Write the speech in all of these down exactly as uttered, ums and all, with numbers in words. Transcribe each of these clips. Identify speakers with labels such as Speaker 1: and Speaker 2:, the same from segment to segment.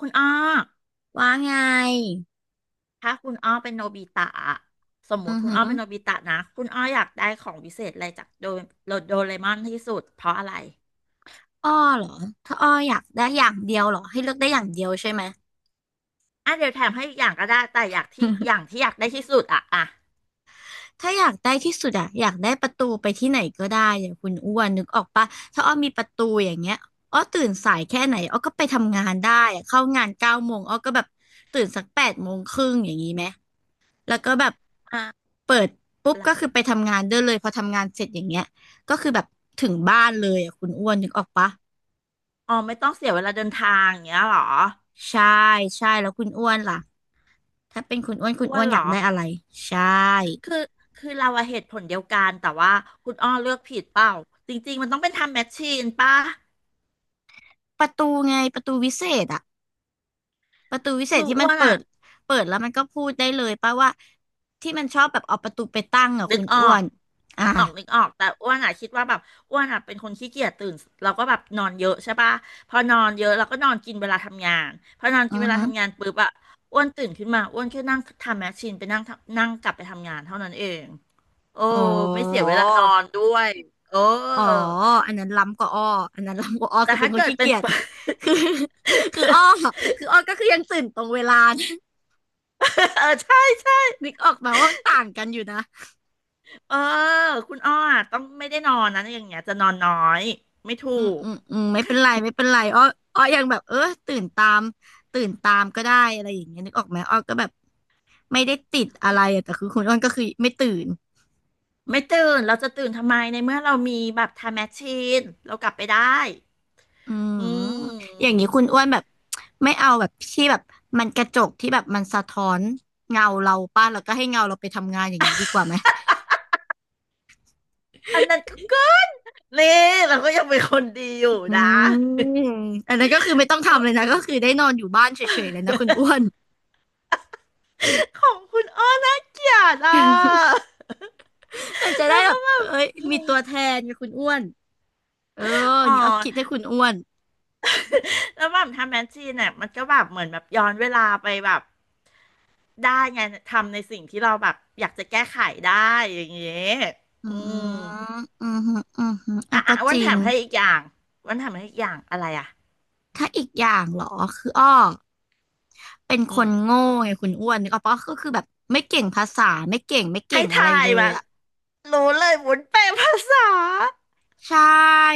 Speaker 1: คุณอ้อ
Speaker 2: ว่าไง
Speaker 1: ถ้าคุณอ้อเป็นโนบิตะอะสมมุ
Speaker 2: อื
Speaker 1: ติ
Speaker 2: อ
Speaker 1: คุณ
Speaker 2: หื
Speaker 1: อ้อ
Speaker 2: อ
Speaker 1: เป็นโนบิตะนะคุณอ้ออยากได้ของวิเศษอะไรจากโดโดโดเรมอนที่สุดเพราะอะไร
Speaker 2: อ้อเหรอถ้าอ้ออยากได้อย่างเดียวเหรอให้เลือกได้อย่างเดียวใช่ไหม
Speaker 1: อ่ะเดี๋ยวแถมให้อีกอย่างก็ได้แต่อยากที่อ ย่างที่อยากได้ที่สุดอ่ะอ่ะ
Speaker 2: ถ้าอยากได้ที่สุดอะอยากได้ประตูไปที่ไหนก็ได้อย่างคุณอ้วนนึกออกปะถ้าอ้อมีประตูอย่างเงี้ยอ้อตื่นสายแค่ไหนอ้อก็ไปทำงานได้อะเข้างานเก้าโมงอ้อก็แบบตื่นสักแปดโมงครึ่งอย่างนี้ไหมแล้วก็แบบ
Speaker 1: อ่ะ
Speaker 2: เปิดปุ๊บ
Speaker 1: แล้ว
Speaker 2: ก็คือไปทำงานได้เลยพอทำงานเสร็จอย่างเงี้ยก็คือแบบถึงบ้านเลยอะคุณอ้วนนึกออกปะ
Speaker 1: อ๋อไม่ต้องเสียเวลาเดินทางอย่างเงี้ยเหรอ
Speaker 2: ใช่ใช่แล้วคุณอ้วนล่ะ ถ้าเป็นคุณอ้วนคุณ
Speaker 1: อ้ว
Speaker 2: อ้ว
Speaker 1: น
Speaker 2: นอ
Speaker 1: เหร
Speaker 2: ยาก
Speaker 1: อ
Speaker 2: ได้อะไรใช่
Speaker 1: คือคือเราอะเหตุผลเดียวกันแต่ว่าคุณอ้อเลือกผิดเปล่าจริงๆมันต้องเป็นทำแมชชีนป่ะ
Speaker 2: ประตูไงประตูวิเศษอะประตูวิเศษ
Speaker 1: คือ
Speaker 2: ที่มั
Speaker 1: อ้
Speaker 2: น
Speaker 1: วน
Speaker 2: เปิ
Speaker 1: อะ
Speaker 2: ดเปิดแล้วมันก็พูดได้เลยป่ะว่าที่มันชอบแบบเอาประตูไปตั้งอะ
Speaker 1: นึ
Speaker 2: คุ
Speaker 1: ก
Speaker 2: ณ
Speaker 1: ออ
Speaker 2: อ้ว
Speaker 1: ก
Speaker 2: นอ่า
Speaker 1: นึกออกนึกออกแต่อ้วนอ่ะคิดว่าแบบอ้วนอ่ะเป็นคนขี้เกียจตื่นเราก็แบบนอนเยอะใช่ปะพอนอนเยอะเราก็นอนกินเวลาทำงานพอนอน
Speaker 2: อื
Speaker 1: กิน
Speaker 2: อ
Speaker 1: เวลา
Speaker 2: ฮึ
Speaker 1: ทำงานปุ๊บอ่ะอ้วนตื่นขึ้นมาอ้วนแค่นั่งทำแมชชีนไปนั่งทำนั่งกลับไปทำงานเท่านั้นเองโอ้
Speaker 2: อ๋
Speaker 1: ไม่เสียเว
Speaker 2: อ
Speaker 1: ลานอนด้วยโอ้
Speaker 2: อ๋ออันนั้นล้ำกว่าอ้ออันนั้นล้ำกว่าอ้อ
Speaker 1: แต่
Speaker 2: คือเป็
Speaker 1: ถ้า
Speaker 2: นคน
Speaker 1: เกิด
Speaker 2: ขี้
Speaker 1: เป็น
Speaker 2: เกียจคือคือคืออ้อคืออ้อก็คือยังตื่นตรงเวลานะ
Speaker 1: เออใช่ใช่
Speaker 2: นึกออกมาว่ามันต่างกันอยู่นะ
Speaker 1: เออคุณอ้ออะต้องไม่ได้นอนนะอย่างเงี้ยจะนอนน้อยไม่ถู
Speaker 2: อืม
Speaker 1: ก
Speaker 2: อืมอืมไม่เป็นไรไม่เป็นไรอ้ออ้อยังแบบเออตื่นตามตื่นตามก็ได้อะไรอย่างเงี้ยนึกออกไหมอ้อก็แบบไม่ได้ติดอะไรอะแต่คือคุณอ้วนก็คือไม่ตื่น
Speaker 1: ไม่ตื่น เราจะตื่นทำไมในเมื่อเรามีแบบไทม์แมชชีนเรากลับไปได้
Speaker 2: อื
Speaker 1: อื
Speaker 2: มอย่างนี้คุณ
Speaker 1: ม
Speaker 2: อ้วนแบบไม่เอาแบบที่แบบมันกระจกที่แบบมันสะท้อนเงาเราป้าแล้วก็ให้เงาเราไปทำงานอย่างนี้ดีกว่าไหม
Speaker 1: อันนั้นก็เกินนี่เราก็ยังเป็นคนดีอยู่
Speaker 2: อื
Speaker 1: นะ
Speaker 2: มอันนั้นก็คือไม่ต้อง
Speaker 1: เอ
Speaker 2: ทำ
Speaker 1: อ
Speaker 2: เลยนะก็คือได้นอนอยู่บ้านเฉยๆเลยนะคุณอ้วน
Speaker 1: ของคุณอ้อน่าเกลียดอ่ะ
Speaker 2: มันจะ ได้
Speaker 1: แล้ว
Speaker 2: แบ
Speaker 1: ก็
Speaker 2: บ
Speaker 1: แบ
Speaker 2: เอ้
Speaker 1: บ
Speaker 2: ยมีตัวแทนไงคุณอ้วนเออ
Speaker 1: อ๋อ
Speaker 2: นี่อ้อคิดให้คุณอ้วน
Speaker 1: แล้วแบบทำแมชชีนเนี่ยมันก็แบบเหมือนแบบย้อนเวลาไปแบบได้ไงทำในสิ่งที่เราแบบอยากจะแก้ไขได้อย่างเงี้ย
Speaker 2: อื
Speaker 1: อืม
Speaker 2: มอืมฮึอืมฮึอ่ะ
Speaker 1: อ่ะ
Speaker 2: ก็
Speaker 1: อ่ะ
Speaker 2: จ
Speaker 1: วัน
Speaker 2: ริ
Speaker 1: ถา
Speaker 2: ง
Speaker 1: มให้อีกอย่าง้วันถามให้อีกอย่างอะไรอ่ะ
Speaker 2: ถ้าอีกอย่างเหรอคืออ้อเป็น
Speaker 1: อื
Speaker 2: ค
Speaker 1: ม
Speaker 2: นโง่ไงคุณอ้วนนึกออกปะก็คือแบบไม่เก่งภาษาไม่เก่งไม่เก่
Speaker 1: ให้
Speaker 2: งอะไร
Speaker 1: ทาย
Speaker 2: เลย
Speaker 1: มา
Speaker 2: อ่ะ
Speaker 1: รู้เลยวุ้นแปลภาษา
Speaker 2: ใช่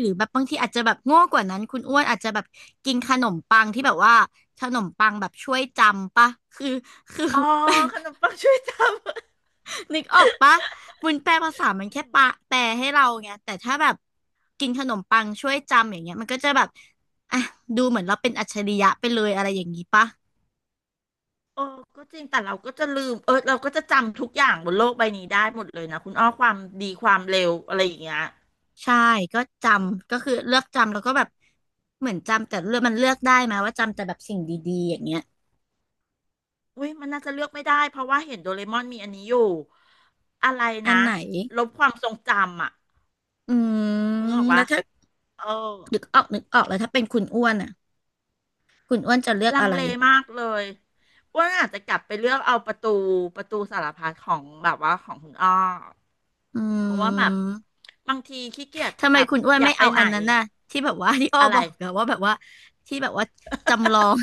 Speaker 2: หรือแบบบางทีอาจจะแบบโง่กว่านั้นคุณอ้วนอาจจะแบบกินขนมปังที่แบบว่าขนมปังแบบช่วยจำปะคือคือ
Speaker 1: อ๋อขนมปังช่วยจำ
Speaker 2: นึกออกปะวุ้นแปลภาษามันแค่ปะแปลให้เราไงแต่ถ้าแบบกินขนมปังช่วยจำอย่างเงี้ยมันก็จะแบบอ่ะดูเหมือนเราเป็นอัจฉริยะไปเลยอะไรอย่างนี้ปะ
Speaker 1: โอ้ก็จริงแต่เราก็จะลืมเออเราก็จะจำทุกอย่างบนโลกใบนี้ได้หมดเลยนะคุณอ้อความดีความเร็วอะไรอย่างเงี้ย
Speaker 2: ใช่ก็จำก็คือเลือกจำแล้วก็แบบเหมือนจำแต่เลือกมันเลือกได้ไหมว่าจำแต่แบบสิ่งดีๆอย่างเงี้ย
Speaker 1: อุ้ยมันน่าจะเลือกไม่ได้เพราะว่าเห็นโดเรมอนมีอันนี้อยู่อะไร
Speaker 2: อัน
Speaker 1: นะ
Speaker 2: ไหน
Speaker 1: ลบความทรงจำอ่ะ
Speaker 2: อื
Speaker 1: นึกออ
Speaker 2: ม
Speaker 1: ก
Speaker 2: แล้
Speaker 1: ปะ
Speaker 2: วถ้า
Speaker 1: เออ
Speaker 2: นึกออกนึกออกแล้วถ้าเป็นคุณอ้วนอ่ะ คุณอ้วนจะเลือก
Speaker 1: ลัง
Speaker 2: อะไร
Speaker 1: เลมากเลยอ้วนอาจจะกลับไปเลือกเอาประตูประตูสารพัดของแบบว่าของคุณอ้อ
Speaker 2: อื
Speaker 1: เพราะว่าแบบ
Speaker 2: ม
Speaker 1: บางทีขี้เกียจ
Speaker 2: ทำไม
Speaker 1: แบบ
Speaker 2: คุณอ้วน
Speaker 1: อยา
Speaker 2: ไม่
Speaker 1: กไป
Speaker 2: เอา
Speaker 1: ไห
Speaker 2: อั
Speaker 1: น
Speaker 2: นนั้นน่ะ
Speaker 1: อะ
Speaker 2: ที่แบบว่า ที่อ้อ
Speaker 1: อะ
Speaker 2: บ
Speaker 1: ไร
Speaker 2: อกอะว่าแบบว่าที่แบบว่าจำลอง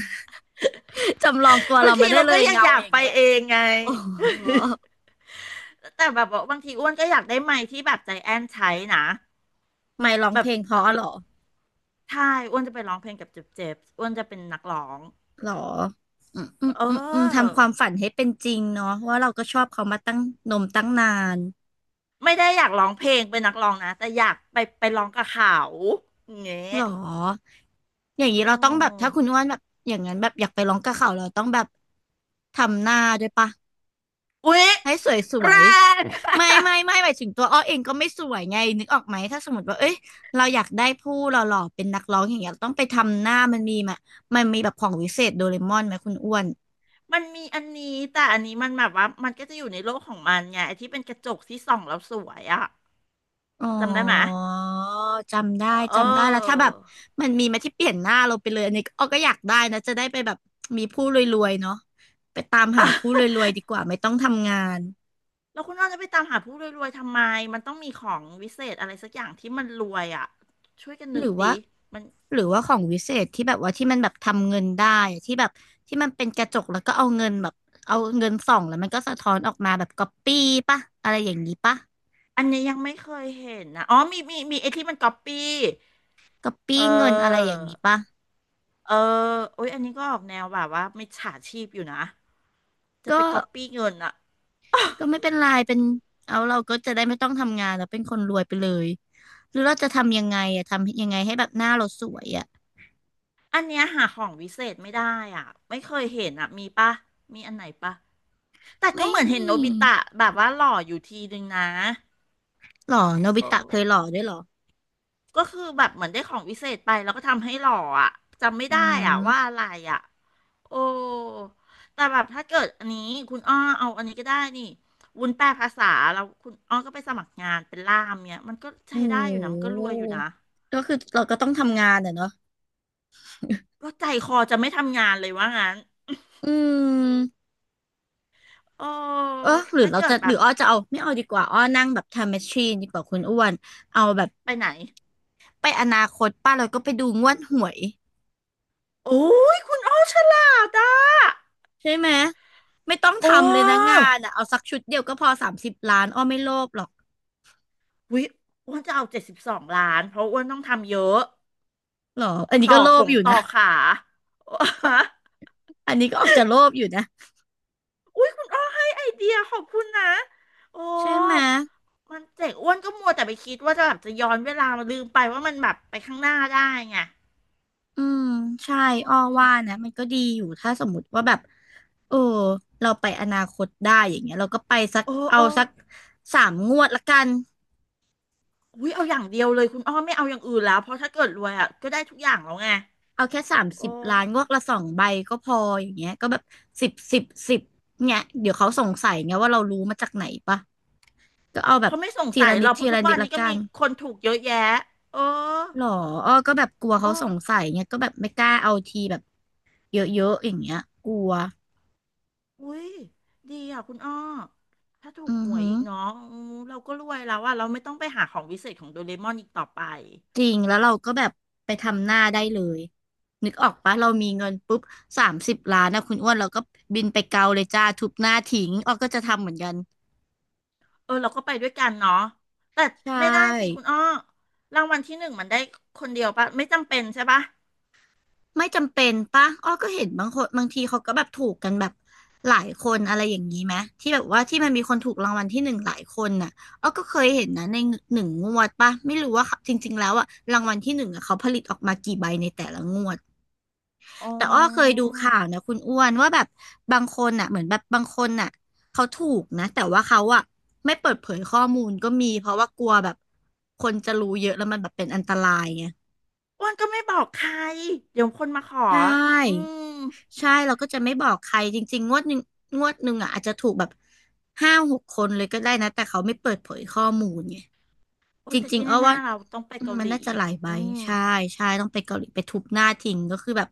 Speaker 2: จำลองตัว
Speaker 1: บา
Speaker 2: เรา
Speaker 1: งที
Speaker 2: มาได้
Speaker 1: เรา
Speaker 2: เล
Speaker 1: ก็
Speaker 2: ย
Speaker 1: ยัง
Speaker 2: เงา
Speaker 1: อยาก
Speaker 2: อย่าง
Speaker 1: ไป
Speaker 2: เงี้ย
Speaker 1: เองไง
Speaker 2: โอ้โห
Speaker 1: แต่แบบว่าบางทีอ้วนก็อยากได้ไมค์ที่แบบใจแอนใช้นะ
Speaker 2: ไม่ร้อง
Speaker 1: แบ
Speaker 2: เพ
Speaker 1: บ
Speaker 2: ลงเพราะเหรอ
Speaker 1: ใช่อ้วนจะไปร้องเพลงกับเจ็บเจ็บอ้วนจะเป็นนักร้อง
Speaker 2: หรออืมอืม
Speaker 1: เ
Speaker 2: อืมอืม
Speaker 1: ออ
Speaker 2: ทำความฝันให้เป็นจริงเนาะว่าเราก็ชอบเขามาตั้งนมตั้งนาน
Speaker 1: ไม่ได้อยากร้องเพลงเป็นนักร้องนะแต่อยากไปไปร้องกับเขาอย่างเงี
Speaker 2: ห
Speaker 1: ้
Speaker 2: ร
Speaker 1: ย
Speaker 2: ออย่างนี้
Speaker 1: อ๋
Speaker 2: เราต้องแบบถ้า
Speaker 1: อ
Speaker 2: คุณอ้วนแบบอย่างนั้นแบบอยากไปร้องกับเขาเราต้องแบบทำหน้าด้วยปะ
Speaker 1: อุ๊ย
Speaker 2: ให้สวยสว
Speaker 1: แร
Speaker 2: ย
Speaker 1: ง
Speaker 2: ไม่ไม่ไม่หมายถึงตัวอ้อเองก็ไม่สวยไงนึกออกไหมถ้าสมมติว่าเอ้ยเราอยากได้ผู้หล่อๆเป็นนักร้องอย่างเงี้ยเราต้องไปทำหน้ามันมีมามันมีแบบของวิเศษโดเรมอนไหมคุณอ้วน
Speaker 1: มันมีอันนี้แต่อันนี้มันแบบว่ามันก็จะอยู่ในโลกของมันไงไอ้ที่เป็นกระจกที่ส่องแล้วสวยอะ
Speaker 2: อ๋อ
Speaker 1: จำได้ไหม
Speaker 2: จำได้
Speaker 1: เอ
Speaker 2: จำได้แล้วถ้าแบ
Speaker 1: อ
Speaker 2: บมันมีมาที่เปลี่ยนหน้าเราไปเลยอันนี้อ้อก็อยากได้นะจะได้ไปแบบมีผู้รวยๆเนาะไปตามหาผู้รวยๆดีกว่าไม่ต้องทำงาน
Speaker 1: แล้วคุณน้องจะไปตามหาผู้รวยๆทำไมมันต้องมีของวิเศษอะไรสักอย่างที่มันรวยอะช่วยกัน
Speaker 2: ห
Speaker 1: นึ
Speaker 2: รื
Speaker 1: ก
Speaker 2: อ
Speaker 1: ดิ
Speaker 2: ว่า
Speaker 1: มัน
Speaker 2: หรือว่าของวิเศษที่แบบว่าที่มันแบบทำเงินได้อะที่แบบที่มันเป็นกระจกแล้วก็เอาเงินแบบเอาเงินส่องแล้วมันก็สะท้อนออกมาแบบก๊อปปี้ปะอะไรอย่างนี้ปะ
Speaker 1: อันนี้ยังไม่เคยเห็นนะอ๋อมีมีมีไอ้ที่มันก๊อปปี้
Speaker 2: ก๊อป
Speaker 1: เอ
Speaker 2: ปี้เงินอะไรอ
Speaker 1: อ
Speaker 2: ย่างนี้ปะ
Speaker 1: เออโอ้ยอันนี้ก็ออกแนวแบบว่ามิจฉาชีพอยู่นะจะไป
Speaker 2: ก็
Speaker 1: ก๊อปปี้เงินอะ
Speaker 2: ก็ไม่เป็นไรเป็นเอาเราก็จะได้ไม่ต้องทำงานแล้วเป็นคนรวยไปเลยหรือเราจะทำยังไงอะทำยังไงให้แบบหน้าเราสวยอะ
Speaker 1: อันเนี้ยหาของวิเศษไม่ได้อ่ะไม่เคยเห็นอ่ะมีปะมีอันไหนปะแต่ก็
Speaker 2: ไม่
Speaker 1: เหมือนเห็น
Speaker 2: มี
Speaker 1: โนบิตะแบบว่าหล่ออยู่ทีนึงนะ
Speaker 2: หรอโนบิ
Speaker 1: โอ
Speaker 2: ตะเคย
Speaker 1: ้
Speaker 2: หล่อด้วยหรอ
Speaker 1: ก็คือแบบเหมือนได้ของวิเศษไปแล้วก็ทำให้หล่ออ่ะจำไม่
Speaker 2: อื
Speaker 1: ได้อ่ะว่า
Speaker 2: ม
Speaker 1: อะไรอ่ะโอ้แต่แบบถ้าเกิดอันนี้คุณอ้อเอาอันนี้ก็ได้นี่วุ้นแปลภาษาแล้วคุณอ้อก็ไปสมัครงานเป็นล่ามเนี่ยมันก็ใช้
Speaker 2: โอ้
Speaker 1: ได้
Speaker 2: โ
Speaker 1: อยู่นะมันก็ร
Speaker 2: ห
Speaker 1: วยอยู่นะ
Speaker 2: ก็คือเราก็ต้องทำงานอะเนาะ
Speaker 1: ก็ใจคอจะไม่ทำงานเลยว่างั้น
Speaker 2: อืม
Speaker 1: โอ้
Speaker 2: เออหรือ
Speaker 1: ถ้า
Speaker 2: เรา
Speaker 1: เกิ
Speaker 2: จะ
Speaker 1: ดแบ
Speaker 2: หรือ
Speaker 1: บ
Speaker 2: อ้อจะเอาไม่เอาดีกว่าอ้อนั่งแบบไทม์แมชชีนดีกว่าคุณอ้วนเอาแบบ
Speaker 1: ไปไหน
Speaker 2: ไปอนาคตป้าเราก็ไปดูงวดหวย
Speaker 1: โอ้ยคุณอ้อฉลาดอ่ะ
Speaker 2: ใช่ไหมไม่ต้อง
Speaker 1: โอ้
Speaker 2: ทำเลยนะงานอ่ะเอาสักชุดเดียวก็พอสามสิบล้านอ้อไม่โลภหรอก
Speaker 1: วิอ้วนจะเอาเจ็ดสิบสองล้านเพราะอ้วนต้องทำเยอะ
Speaker 2: หรออันนี้
Speaker 1: ต่อ
Speaker 2: ก็โล
Speaker 1: ข
Speaker 2: ภ
Speaker 1: ง
Speaker 2: อยู่
Speaker 1: ต่อ
Speaker 2: นะ
Speaker 1: ขา
Speaker 2: อันนี้ก็ออกจะโลภอยู่นะ
Speaker 1: อุ้ยคุณอ้อให้ไอเดียขอบคุณนะโอ้
Speaker 2: ใช่ไหม
Speaker 1: มันเจ๋งอ้วนก็มัวแต่ไปคิดว่าจะแบบจะย้อนเวลามาลืมไปว่ามันแบบไปข้างหน้าได้ไง
Speaker 2: อืมใช่
Speaker 1: อื
Speaker 2: อ้อ
Speaker 1: ม
Speaker 2: ว่านะมันก็ดีอยู่ถ้าสมมติว่าแบบเออเราไปอนาคตได้อย่างเงี้ยเราก็ไปสัก
Speaker 1: เออ
Speaker 2: เอา
Speaker 1: เออ
Speaker 2: สักสามงวดละกัน
Speaker 1: อุ้ยเอาอย่างเดียวเลยคุณอ้อไม่เอาอย่างอื่นแล้วเพราะถ้าเกิดรวยอ่ะก็ได้ทุกอย่างแล้วไง
Speaker 2: เอาแค่สาม
Speaker 1: โอ
Speaker 2: สิบล้านงว
Speaker 1: ้
Speaker 2: ดละสองใบก็พออย่างเงี้ยก็แบบสิบสิบสิบเนี่ยเดี๋ยวเขาสงสัยไงว่าเรารู้มาจากไหนปะก็เอาแบบ
Speaker 1: เขาไม่สง
Speaker 2: ที
Speaker 1: สั
Speaker 2: ละ
Speaker 1: ย
Speaker 2: นิ
Speaker 1: เรา
Speaker 2: ด
Speaker 1: เพ
Speaker 2: ที
Speaker 1: ราะทุ
Speaker 2: ละ
Speaker 1: ก
Speaker 2: นิ
Speaker 1: วั
Speaker 2: ด
Speaker 1: น
Speaker 2: ละ
Speaker 1: นี้ก็
Speaker 2: กั
Speaker 1: มี
Speaker 2: น
Speaker 1: คนถูกเยอะแยะ เออ
Speaker 2: หรออ้อก็แบบกลัวเขา
Speaker 1: เอ้
Speaker 2: สงสัยเงี้ยก็แบบไม่กล้าเอาทีแบบเยอะๆอย่างเงี้ยกลัว
Speaker 1: อุ้ยดีอ่ะคุณอ้อถ้าถูก
Speaker 2: อือ
Speaker 1: หวย
Speaker 2: หือ
Speaker 1: อีกเนาะอืมเราก็รวยแล้วว่าเราไม่ต้องไปหาของวิเศษของโดเรมอนอีกต่อไป
Speaker 2: จริงแล้วเราก็แบบไปทำหน้าได้เลยนึกออกปะเรามีเงินปุ๊บสามสิบล้านนะคุณอ้วนเราก็บินไปเกาเลยจ้าทุบหน้าทิ้งอ้อก็จะทำเหมือนกัน
Speaker 1: เออเราก็ไปด้วยกันเนาะแต่
Speaker 2: ใช่
Speaker 1: ไม่ได้สิคุณอ้อรางวัลที่หนึ่งมันได้คนเดียวปะไม่จำเป็นใช่ปะ
Speaker 2: ไม่จำเป็นปะอ้อก็เห็นบางคนบางทีเขาก็แบบถูกกันแบบหลายคนอะไรอย่างนี้ไหมที่แบบว่าที่มันมีคนถูกรางวัลที่หนึ่งหลายคนน่ะอ้อก็เคยเห็นนะในหนึ่งงวดปะไม่รู้ว่าจริงๆแล้วอะรางวัลที่หนึ่งอะเขาผลิตออกมากี่ใบในแต่ละงวด
Speaker 1: อ๋
Speaker 2: แต่อ้อเคย
Speaker 1: อ
Speaker 2: ดูข่าวนะคุณอ้วนว่าแบบบางคนน่ะเหมือนแบบบางคนน่ะเขาถูกนะแต่ว่าเขาอะไม่เปิดเผยข้อมูลก็มีเพราะว่ากลัวแบบคนจะรู้เยอะแล้วมันแบบเป็นอันตรายไง
Speaker 1: อ้วนก็ไม่บอกใครเดี๋ยวคนมาขอ
Speaker 2: ใช่
Speaker 1: อืม
Speaker 2: ใช่เราก็จะไม่บอกใครจริงๆงวดหนึ่งงวดหนึ่งอ่ะอาจจะถูกแบบห้าหกคนเลยก็ได้นะแต่เขาไม่เปิดเผยข้อมูลไง
Speaker 1: โอ้
Speaker 2: จ
Speaker 1: ยแต่
Speaker 2: ริง
Speaker 1: ที่
Speaker 2: ๆเอา
Speaker 1: แน่
Speaker 2: ว่า
Speaker 1: ๆเราต้องไป
Speaker 2: อืม
Speaker 1: เกา
Speaker 2: มั
Speaker 1: ห
Speaker 2: น
Speaker 1: ลี
Speaker 2: น่าจะหลายใบ
Speaker 1: อืม
Speaker 2: ใช่ใช่ต้องไปเกาหลีไปทุบหน้าทิ้งก็คือแบบ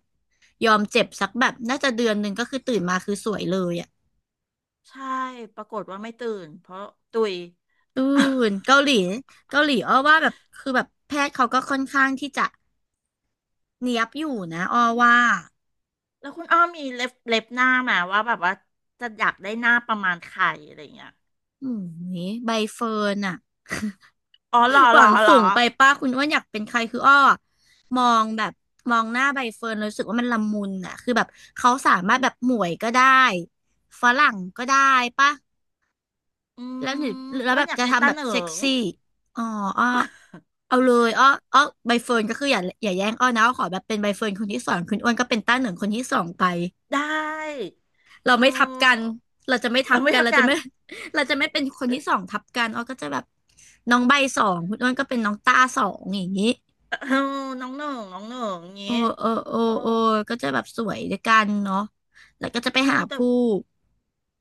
Speaker 2: ยอมเจ็บสักแบบน่าจะเดือนหนึ่งก็คือตื่นมาคือสวยเลยอ่ะ
Speaker 1: ใช่ปรากฏว่าไม่ตื่นเพราะตุย
Speaker 2: อืม เกาหลีเกาหลีอ้อว่าแบบคือแบบแพทย์เขาก็ค่อนข้างที่จะเนียบอยู่นะอ้อว่า
Speaker 1: แล้วคุณอ้อมีเล็บเล็บหน้าไหมาว่าแบบว่าจะอยากได้หน้าประมาณใครอะไรอย่างเงี้ย
Speaker 2: อืมใบเฟิร์นอ่ะ
Speaker 1: อ๋อเหรอ
Speaker 2: ห
Speaker 1: เหร
Speaker 2: วั
Speaker 1: อ
Speaker 2: ง
Speaker 1: เหร
Speaker 2: สู
Speaker 1: อ
Speaker 2: งไปป้าคุณอ้วนอยากเป็นใครคืออ้อมองแบบมองหน้าใบเฟิร์นวรู้สึกว่ามันละมุนอะคือแบบเขาสามารถแบบหมวยก็ได้ฝรั่งก็ได้ปะ
Speaker 1: อื
Speaker 2: แล้วหรือ
Speaker 1: ม
Speaker 2: แล้ว
Speaker 1: อ้ว
Speaker 2: แบ
Speaker 1: น
Speaker 2: บ
Speaker 1: อยาก
Speaker 2: จะ
Speaker 1: ได้
Speaker 2: ทำ
Speaker 1: ตา
Speaker 2: แบบ
Speaker 1: เหนิ
Speaker 2: เซ็ก
Speaker 1: ง
Speaker 2: ซี่อ๋ออ้อเอาเลยอ้ออ้อใบเฟิร์นก็คืออย่าอย่าแย่งอ้อนะอ้อขอแบบเป็นใบเฟิร์นคนที่สองคุณอ้วนก็เป็นต้าเหนิงคนที่สองไป
Speaker 1: ได้
Speaker 2: เรา
Speaker 1: เอ
Speaker 2: ไม่ทับกัน
Speaker 1: อ
Speaker 2: เราจะไม่ทั
Speaker 1: เรา
Speaker 2: บ
Speaker 1: ไม่
Speaker 2: กัน
Speaker 1: ทับ
Speaker 2: เรา
Speaker 1: กั
Speaker 2: จะ
Speaker 1: น
Speaker 2: ไม่ เราจะไม่เป็นคนที่สองทับกันอ้อก็จะแบบน้องใบสองคุณอ้วนก็เป็นน้องต้าสองอย่างนี้
Speaker 1: เออน้องหนึ่งน้องหนึ่งอย่างงี้
Speaker 2: โอ้โอ้โอ้
Speaker 1: เออ
Speaker 2: โอ้ก็จะแบบสวยด้วยกันเนาะแล้วก็จะไป
Speaker 1: โอ้
Speaker 2: หา
Speaker 1: แต่
Speaker 2: ผู้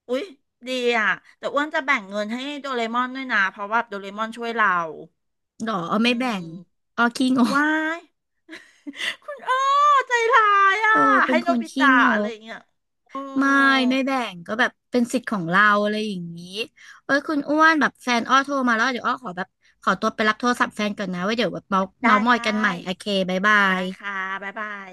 Speaker 1: อุ๊ยดีอ่ะแต่อ้วนจะแบ่งเงินให้โดเรมอนด้วยนะเพราะว่าโดเรมอนช่วยเรา
Speaker 2: หรอเอา
Speaker 1: อื
Speaker 2: ไม่แบ่ง
Speaker 1: ม
Speaker 2: อ๋อคขี้งก
Speaker 1: วาย คุณอ้อใจร้ายอ่ะ
Speaker 2: โอ้เป็
Speaker 1: ให้
Speaker 2: นค
Speaker 1: โน
Speaker 2: น
Speaker 1: บิ
Speaker 2: ขี้
Speaker 1: ตะ
Speaker 2: ง
Speaker 1: อะไร
Speaker 2: ก
Speaker 1: อย่างเงี้ยโอ้
Speaker 2: ไม่ ไม่แบ่ง ก็แบบเป็นสิทธิ์ของเราอะไรอย่างนี้เอ้ยคุณอ้วนแบบแฟนอ้อโทรมาแล้วเดี๋ยวอ้อขอแบบขอตัวไปรับโทรศัพท์แฟนก่อนนะไว้เดี๋ยวแบบเมาเมา
Speaker 1: ได้
Speaker 2: มอ
Speaker 1: ได
Speaker 2: ยกันใหม่
Speaker 1: ้
Speaker 2: โอเคบ๊ายบา
Speaker 1: ได้
Speaker 2: ย
Speaker 1: ค่ะบ๊ายบาย